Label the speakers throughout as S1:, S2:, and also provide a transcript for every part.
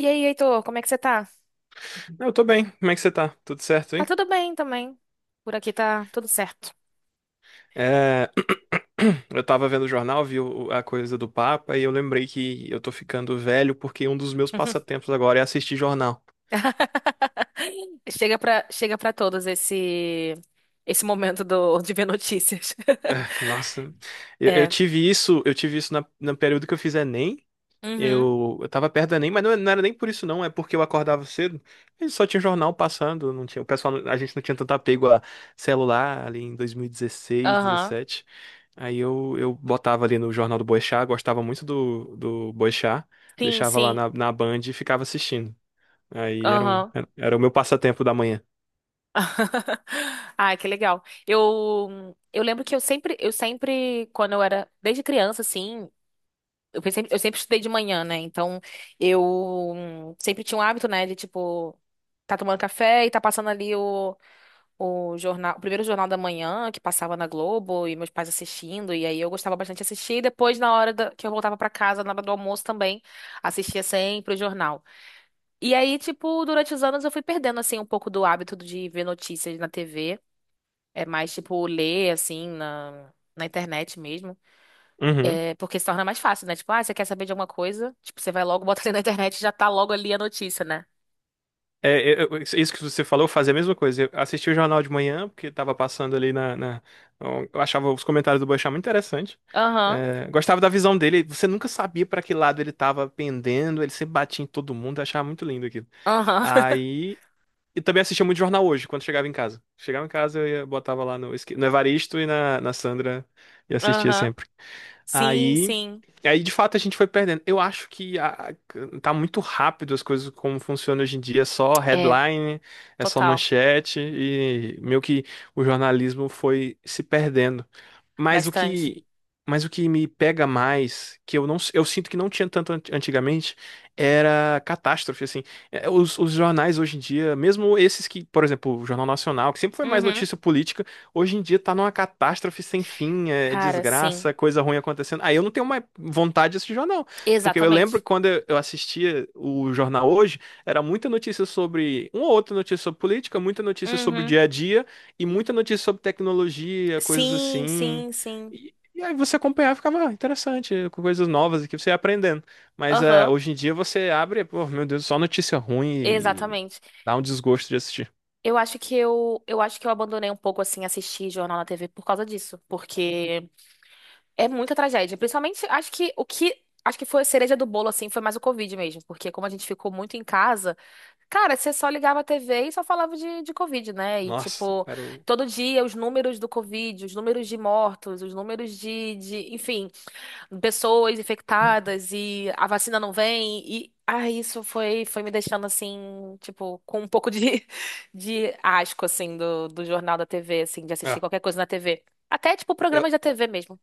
S1: E aí, Heitor, como é que você tá?
S2: Eu tô bem, como é que você tá? Tudo certo,
S1: Tá
S2: hein?
S1: tudo bem também. Por aqui tá tudo certo.
S2: É, Eu tava vendo o jornal, a coisa do Papa e eu lembrei que eu tô ficando velho porque um dos meus passatempos agora é assistir jornal.
S1: Chega pra todos esse esse momento do, de ver notícias.
S2: É, nossa, eu
S1: É.
S2: tive isso, no período que eu fiz Enem.
S1: Uhum.
S2: Eu tava perto da ENEM, mas não era nem por isso não. É porque eu acordava cedo e só tinha jornal passando. Não tinha, o pessoal, não- A gente não tinha tanto apego a celular ali em 2016,
S1: Aham.
S2: 17. Eu botava ali no Jornal do Boechat, gostava muito do Boechat,
S1: Sim,
S2: deixava lá
S1: sim.
S2: na Band e ficava assistindo. Aí era, um,
S1: Aham.
S2: era, era o meu passatempo da manhã.
S1: Ai, que legal. Eu lembro que eu sempre quando eu era desde criança assim, eu sempre estudei de manhã, né? Então, eu sempre tinha um hábito, né, de tipo tá tomando café e tá passando ali o jornal, o primeiro jornal da manhã que passava na Globo e meus pais assistindo, e aí eu gostava bastante de assistir, e depois na hora da- que eu voltava pra casa, na hora do almoço também, assistia sempre o jornal. E aí, tipo, durante os anos eu fui perdendo assim um pouco do hábito de ver notícias na TV, é mais tipo ler assim na Na internet mesmo.
S2: Uhum.
S1: É, porque se torna mais fácil, né? Tipo, ah, você quer saber de alguma coisa? Tipo, você vai logo, bota ali na internet e já tá logo ali a notícia, né?
S2: Isso que você falou, eu fazia a mesma coisa. Eu assistia o jornal de manhã, porque tava passando ali Eu achava os comentários do Boechat muito interessante.
S1: Aham,
S2: É, gostava da visão dele. Você nunca sabia para que lado ele tava pendendo, ele sempre batia em todo mundo, eu achava muito lindo aquilo.
S1: aham,
S2: Aí. E também assistia muito jornal hoje, quando chegava em casa. Chegava em casa, botava lá no Evaristo e na Sandra e assistia
S1: aham.
S2: sempre.
S1: Sim,
S2: Aí,
S1: sim.
S2: aí de fato a gente foi perdendo. Eu acho que tá muito rápido as coisas como funciona hoje em dia, é só
S1: É,
S2: headline, é só
S1: total.
S2: manchete e meio que o jornalismo foi se perdendo. Mas o
S1: Bastante.
S2: que mas o que me pega mais, que eu sinto que não tinha tanto antigamente, era catástrofe assim. É. Os jornais hoje em dia, mesmo esses que, por exemplo, o Jornal Nacional, que sempre foi mais
S1: Uhum.
S2: notícia política, hoje em dia tá numa catástrofe sem fim, é
S1: Cara, sim.
S2: desgraça, coisa ruim acontecendo. Aí eu não tenho mais vontade de assistir jornal. Porque eu lembro
S1: Exatamente.
S2: que quando eu assistia o jornal hoje, era muita notícia sobre. Uma ou outra notícia sobre política, muita notícia sobre o
S1: Uhum.
S2: dia a dia e muita notícia sobre tecnologia, coisas
S1: Sim,
S2: assim.
S1: sim, sim.
S2: E aí você acompanhava e ficava: "Ah, interessante, com coisas novas que você ia aprendendo." Mas é,
S1: Aham.
S2: hoje em dia você abre, pô, meu Deus, só notícia ruim e
S1: Exatamente.
S2: dá um desgosto de assistir.
S1: Eu acho que eu abandonei um pouco assim assistir jornal na TV por causa disso, porque é muita tragédia. Principalmente, acho que o que foi a cereja do bolo assim foi mais o Covid mesmo, porque como a gente ficou muito em casa, cara, você só ligava a TV e só falava de Covid, né? E
S2: Nossa,
S1: tipo,
S2: era o.
S1: todo dia os números do Covid, os números de mortos, os números de, enfim, pessoas infectadas e a vacina não vem e ah, isso foi me deixando assim, tipo, com um pouco de, de asco assim do, do jornal da TV, assim, de assistir
S2: É.
S1: qualquer coisa na TV. Até tipo
S2: Eu,
S1: programas da TV mesmo,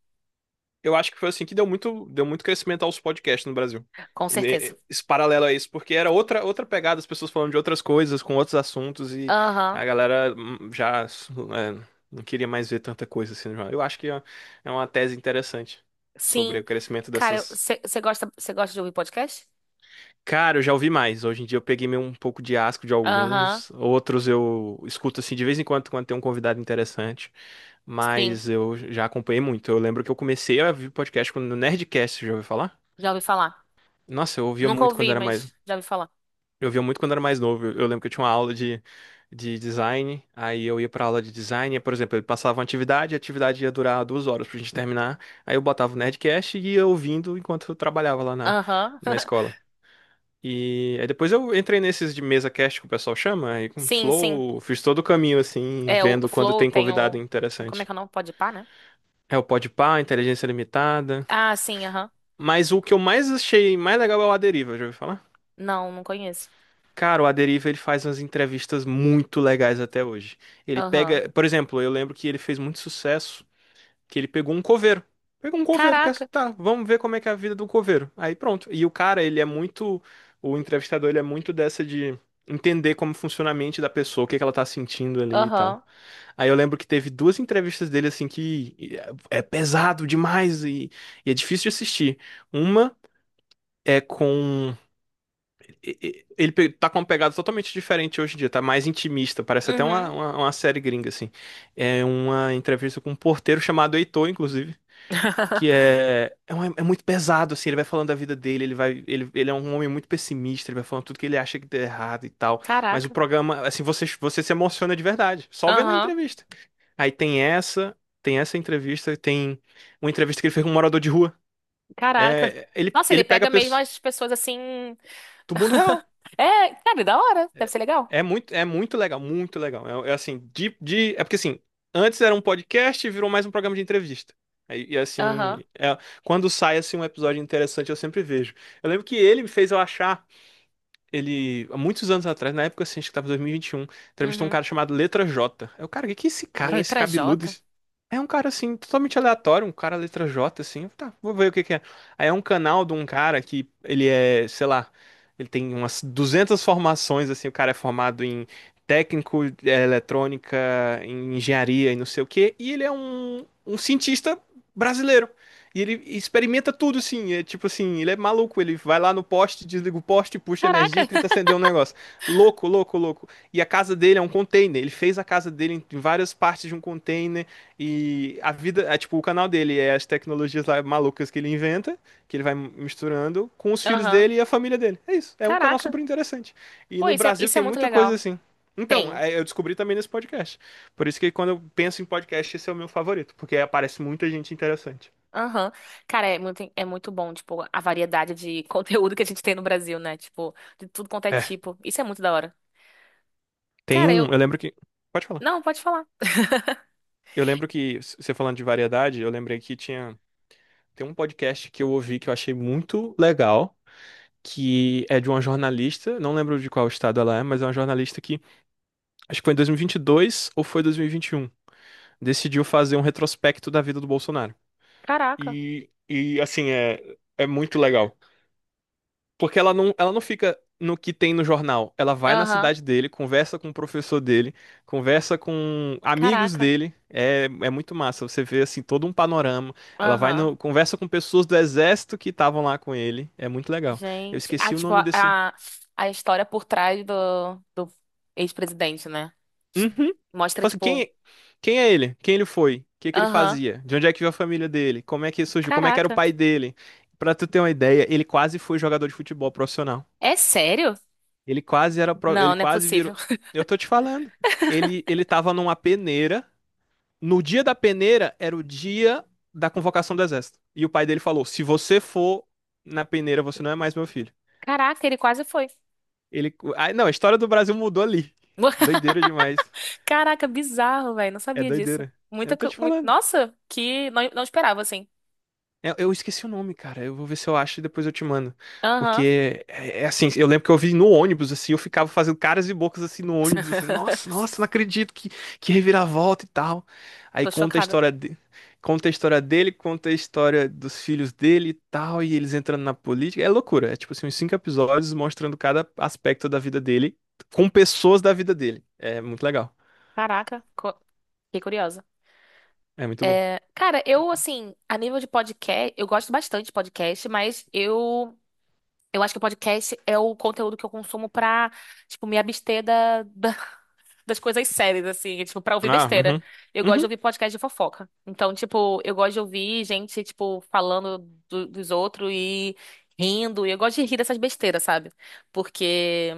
S2: eu acho que foi assim que deu muito crescimento aos podcasts no Brasil.
S1: com certeza.
S2: Esse paralelo a isso, porque era outra, outra pegada, as pessoas falando de outras coisas, com outros assuntos, e
S1: Aham.
S2: a galera não queria mais ver tanta coisa assim. Já. Eu acho que é uma tese interessante sobre
S1: Sim.
S2: o crescimento
S1: Cara,
S2: dessas.
S1: você gosta de ouvir podcast?
S2: Cara, eu já ouvi mais. Hoje em dia eu peguei meio um pouco de asco de
S1: Aham.
S2: alguns, outros eu escuto assim de vez em quando quando tem um convidado interessante,
S1: Sim,
S2: mas eu já acompanhei muito. Eu lembro que eu comecei a ouvir podcast quando no Nerdcast, já ouviu falar?
S1: já ouvi falar.
S2: Nossa, eu ouvia
S1: Nunca
S2: muito quando
S1: ouvi,
S2: era mais.
S1: mas já ouvi falar.
S2: Eu ouvia muito quando era mais novo. Eu lembro que eu tinha uma aula de design, aí eu ia pra aula de design, e, por exemplo, ele passava uma atividade, e a atividade ia durar 2 horas pra gente terminar. Aí eu botava o Nerdcast e ia ouvindo enquanto eu trabalhava lá
S1: Aham.
S2: na escola. E aí depois eu entrei nesses de mesa cast que o pessoal chama, aí com
S1: Sim, sim.
S2: Flow, fiz todo o caminho assim,
S1: É o
S2: vendo quando
S1: Flow
S2: tem
S1: tem
S2: convidado
S1: o como é
S2: interessante.
S1: que é o nome? Podpah, né?
S2: É o Podpah, Inteligência Limitada.
S1: Ah, sim, aham.
S2: Mas o que eu mais achei mais legal é o A Deriva, já ouviu falar?
S1: Não, não conheço.
S2: Cara, o A Deriva ele faz umas entrevistas muito legais até hoje. Ele
S1: Aham.
S2: pega, por exemplo, eu lembro que ele fez muito sucesso, que ele pegou um coveiro. Pegou um coveiro, quer
S1: Caraca.
S2: tá, vamos ver como é que é a vida do coveiro. Aí pronto. E o cara, ele é muito, o entrevistador, ele é muito dessa de entender como funciona a mente da pessoa, o que que ela tá sentindo ali e tal.
S1: Aham.
S2: Aí eu lembro que teve duas entrevistas dele assim que é pesado demais e é difícil de assistir. Uma é com ele tá com uma pegada totalmente diferente hoje em dia, tá mais intimista, parece até
S1: Uhum.
S2: uma série gringa, assim. É uma entrevista com um porteiro chamado Heitor, inclusive, que é muito pesado, assim, ele vai falando da vida dele, ele vai, ele é um homem muito pessimista, ele vai falando tudo que ele acha que deu errado e tal, mas o
S1: Caraca.
S2: programa, assim, você se emociona de verdade, só vendo a
S1: Aham.
S2: entrevista. Aí tem essa entrevista, tem uma entrevista que ele fez com um morador de rua.
S1: Caraca.
S2: É,
S1: Nossa, ele
S2: ele pega
S1: pega mesmo
S2: pessoas
S1: as pessoas assim.
S2: do mundo real.
S1: É, cara, da hora. Deve
S2: É
S1: ser legal.
S2: é muito legal, muito legal. É, é assim, é porque assim, antes era um podcast e virou mais um programa de entrevista. E, e,
S1: Aham.
S2: assim, é- quando sai assim um episódio interessante, eu sempre vejo. Eu lembro que ele me fez eu achar ele, há muitos anos atrás, na época, assim, acho que tava em 2021, entrevistou um
S1: Uhum.
S2: cara chamado Letra J. É o cara, o que que é esse cara, esse
S1: Letra
S2: cabeludo?
S1: J.
S2: É um cara, assim, totalmente aleatório, um cara Letra J, assim. Eu, tá, vou ver o que que é. Aí é um canal de um cara que ele é, sei lá, ele tem umas 200 formações, assim. O cara é formado em técnico, é, eletrônica, em engenharia e não sei o quê. E ele é um cientista brasileiro. E ele experimenta tudo, sim. É tipo assim, ele é maluco. Ele vai lá no poste, desliga o poste, puxa energia e
S1: Caraca.
S2: tenta acender um negócio. Louco, louco, louco. E a casa dele é um container. Ele fez a casa dele em várias partes de um container. E a vida, é, tipo, o canal dele é as tecnologias lá malucas que ele inventa, que ele vai misturando com os filhos
S1: Aham.
S2: dele e a família dele. É isso. É um canal
S1: Caraca.
S2: super interessante. E
S1: Pô,
S2: no
S1: isso é,
S2: Brasil
S1: isso é
S2: tem
S1: muito
S2: muita coisa
S1: legal.
S2: assim. Então,
S1: Tem.
S2: é, eu descobri também nesse podcast. Por isso que quando eu penso em podcast, esse é o meu favorito, porque aparece muita gente interessante.
S1: Aham. Cara, é muito bom, tipo, a variedade de conteúdo que a gente tem no Brasil, né? Tipo, de tudo quanto é
S2: É.
S1: tipo. Isso é muito da hora.
S2: Tem
S1: Cara,
S2: um,
S1: eu.
S2: eu lembro que. Pode falar.
S1: Não, pode falar.
S2: Eu lembro que, você falando de variedade, eu lembrei que tinha. Tem um podcast que eu ouvi que eu achei muito legal, que é de uma jornalista, não lembro de qual estado ela é, mas é uma jornalista que, acho que foi em 2022 ou foi dois mil e vinte e um, decidiu fazer um retrospecto da vida do Bolsonaro.
S1: Caraca.
S2: E assim, é, é muito legal. Porque ela não fica no que tem no jornal. Ela vai na
S1: Aham.
S2: cidade dele, conversa com o professor dele, conversa com amigos
S1: Caraca.
S2: dele. É, é muito massa. Você vê assim todo um panorama. Ela vai
S1: Aham.
S2: no, conversa com pessoas do exército que estavam lá com ele. É muito legal. Eu
S1: Gente. Ah,
S2: esqueci o
S1: tipo,
S2: nome
S1: a,
S2: desse.
S1: a a história por trás do, do ex-presidente, né?
S2: Uhum.
S1: Mostra,
S2: Fala assim,
S1: tipo.
S2: quem é ele? Quem ele foi? O que que ele
S1: Aham.
S2: fazia? De onde é que veio a família dele? Como é que surgiu? Como é que era o
S1: Caraca.
S2: pai dele? Pra tu ter uma ideia, ele quase foi jogador de futebol profissional.
S1: É sério?
S2: Ele quase era, ele
S1: Não, não é
S2: quase virou.
S1: possível.
S2: Eu tô te falando. Ele tava numa peneira. No dia da peneira era o dia da convocação do exército. E o pai dele falou: "Se você for na peneira, você não é mais meu filho".
S1: Caraca, ele quase foi.
S2: Ele, ah, não, a história do Brasil mudou ali. Doideira demais.
S1: Caraca, bizarro, velho. Não
S2: É
S1: sabia disso.
S2: doideira.
S1: Muita,
S2: Eu tô
S1: co-
S2: te
S1: mui-
S2: falando.
S1: Nossa, que não, não esperava, assim.
S2: Eu esqueci o nome, cara. Eu vou ver se eu acho e depois eu te mando.
S1: Aham.
S2: Porque é, é assim, eu lembro que eu vi no ônibus, assim, eu ficava fazendo caras e bocas assim no ônibus, assim, nossa, nossa, não acredito que reviravolta e tal. Aí
S1: Tô
S2: conta a
S1: chocada.
S2: história de, conta a história dele, conta a história dos filhos dele e tal, e eles entrando na política. É loucura. É tipo assim, uns 5 episódios mostrando cada aspecto da vida dele com pessoas da vida dele. É muito legal.
S1: Caraca, co- fiquei curiosa.
S2: É muito bom.
S1: Cara, eu, assim, a nível de podcast, eu gosto bastante de podcast, mas eu acho que o podcast é o conteúdo que eu consumo pra, tipo, me abster da das coisas sérias, assim, tipo, pra ouvir
S2: Ah,
S1: besteira.
S2: uhum.
S1: Eu gosto de
S2: Uhum.
S1: ouvir podcast de fofoca. Então, tipo, eu gosto de ouvir gente, tipo, falando do- dos outros e rindo. E eu gosto de rir dessas besteiras, sabe? Porque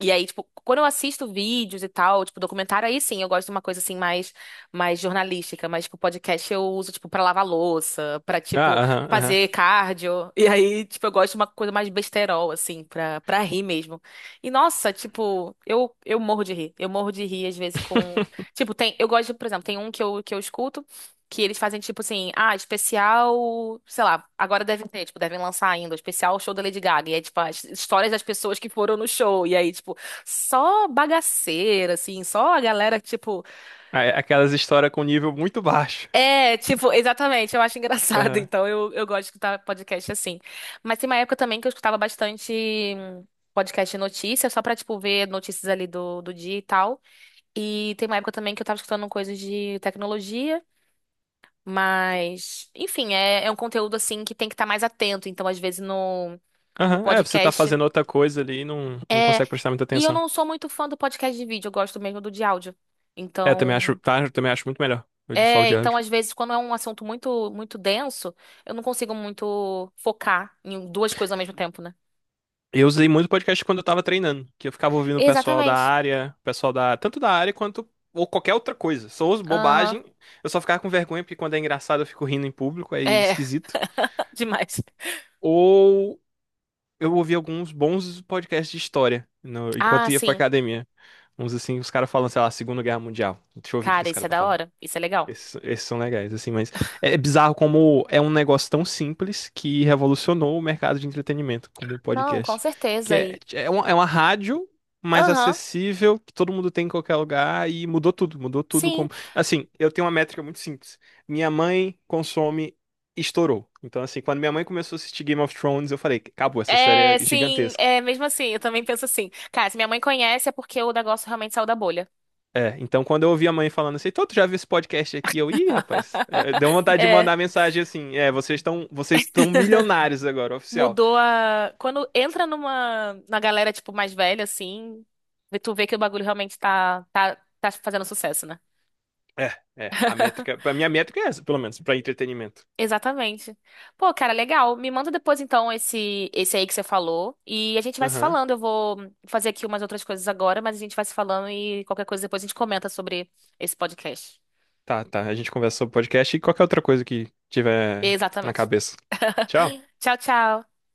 S1: e aí, tipo, quando eu assisto vídeos e tal, tipo, documentário, aí sim, eu gosto de uma coisa assim mais, mais jornalística, mas, tipo, podcast eu uso, tipo, pra lavar louça, pra,
S2: Ah,
S1: tipo,
S2: aham,
S1: fazer
S2: aham.
S1: cardio. E aí, tipo, eu gosto de uma coisa mais besterol, assim, pra, pra rir mesmo. E, nossa, tipo, eu morro de rir. Eu morro de rir, às vezes, com... Tipo, tem... Eu gosto, de, por exemplo, tem um que eu escuto, que eles fazem tipo assim, ah, especial, sei lá, agora devem ter, tipo, devem lançar ainda, o especial show da Lady Gaga. E é tipo as histórias das pessoas que foram no show. E aí, tipo, só bagaceira, assim, só a galera, tipo.
S2: É, aquelas histórias com nível muito baixo.
S1: É, tipo, exatamente, eu acho engraçado.
S2: Aham.
S1: Então eu gosto de escutar podcast assim. Mas tem uma época também que eu escutava bastante hum, podcast de notícias, só pra, tipo, ver notícias ali do, do dia e tal. E tem uma época também que eu tava escutando coisas de tecnologia. Mas, enfim, é, é um conteúdo assim que tem que estar mais atento. Então, às vezes, no, no
S2: Aham, é, você tá
S1: podcast.
S2: fazendo outra coisa ali e não, não
S1: É,
S2: consegue prestar muita
S1: e eu
S2: atenção.
S1: não sou muito fã do podcast de vídeo, eu gosto mesmo do de áudio.
S2: É, também acho,
S1: Então,
S2: tá, eu também acho muito melhor. Eu de só o
S1: é,
S2: diário.
S1: então às vezes quando é um assunto muito denso, eu não consigo muito focar em duas coisas ao mesmo tempo, né?
S2: Eu usei muito podcast quando eu tava treinando, que eu ficava ouvindo o pessoal da
S1: Exatamente.
S2: área, pessoal da, tanto da área quanto ou qualquer outra coisa. Só uso
S1: Aham.
S2: bobagem, eu só ficava com vergonha porque quando é engraçado eu fico rindo em público, é
S1: É.
S2: esquisito.
S1: Demais.
S2: Ou eu ouvi alguns bons podcasts de história
S1: Ah,
S2: enquanto ia pra
S1: sim.
S2: academia. Uns assim, os caras falando, sei lá, Segunda Guerra Mundial. Deixa eu ouvir o que
S1: Cara,
S2: esse
S1: isso
S2: cara
S1: é
S2: tá
S1: da
S2: falando.
S1: hora. Isso é legal.
S2: Esses são legais, assim, mas é bizarro como é um negócio tão simples que revolucionou o mercado de entretenimento, como o
S1: Não, com
S2: podcast, que
S1: certeza. E
S2: é é uma rádio mais
S1: aham.
S2: acessível, que todo mundo tem em qualquer lugar e mudou tudo
S1: Sim.
S2: como... Assim, eu tenho uma métrica muito simples. Minha mãe consome estourou. Então, assim, quando minha mãe começou a assistir Game of Thrones, eu falei, acabou, essa
S1: É,
S2: série é
S1: sim,
S2: gigantesca.
S1: é mesmo assim, eu também penso assim. Cara, se minha mãe conhece é porque o negócio realmente saiu da bolha.
S2: É, então quando eu ouvi a mãe falando assim, tô, tu já viu esse podcast aqui? Eu, ih, rapaz, é, deu vontade de
S1: É,
S2: mandar mensagem assim, é, vocês estão milionários agora, oficial.
S1: mudou a. Quando entra numa na galera, tipo, mais velha, assim, tu vê que o bagulho realmente tá fazendo sucesso, né?
S2: É, é, a métrica, a minha métrica é essa, pelo menos, pra entretenimento.
S1: Exatamente. Pô, cara, legal. Me manda depois, então, esse aí que você falou. E a gente vai se
S2: Aham.
S1: falando. Eu vou fazer aqui umas outras coisas agora, mas a gente vai se falando e qualquer coisa depois a gente comenta sobre esse podcast.
S2: Tá, tá, a gente conversa sobre podcast e qualquer outra coisa que tiver na
S1: Exatamente.
S2: cabeça. Tchau.
S1: Tchau, tchau.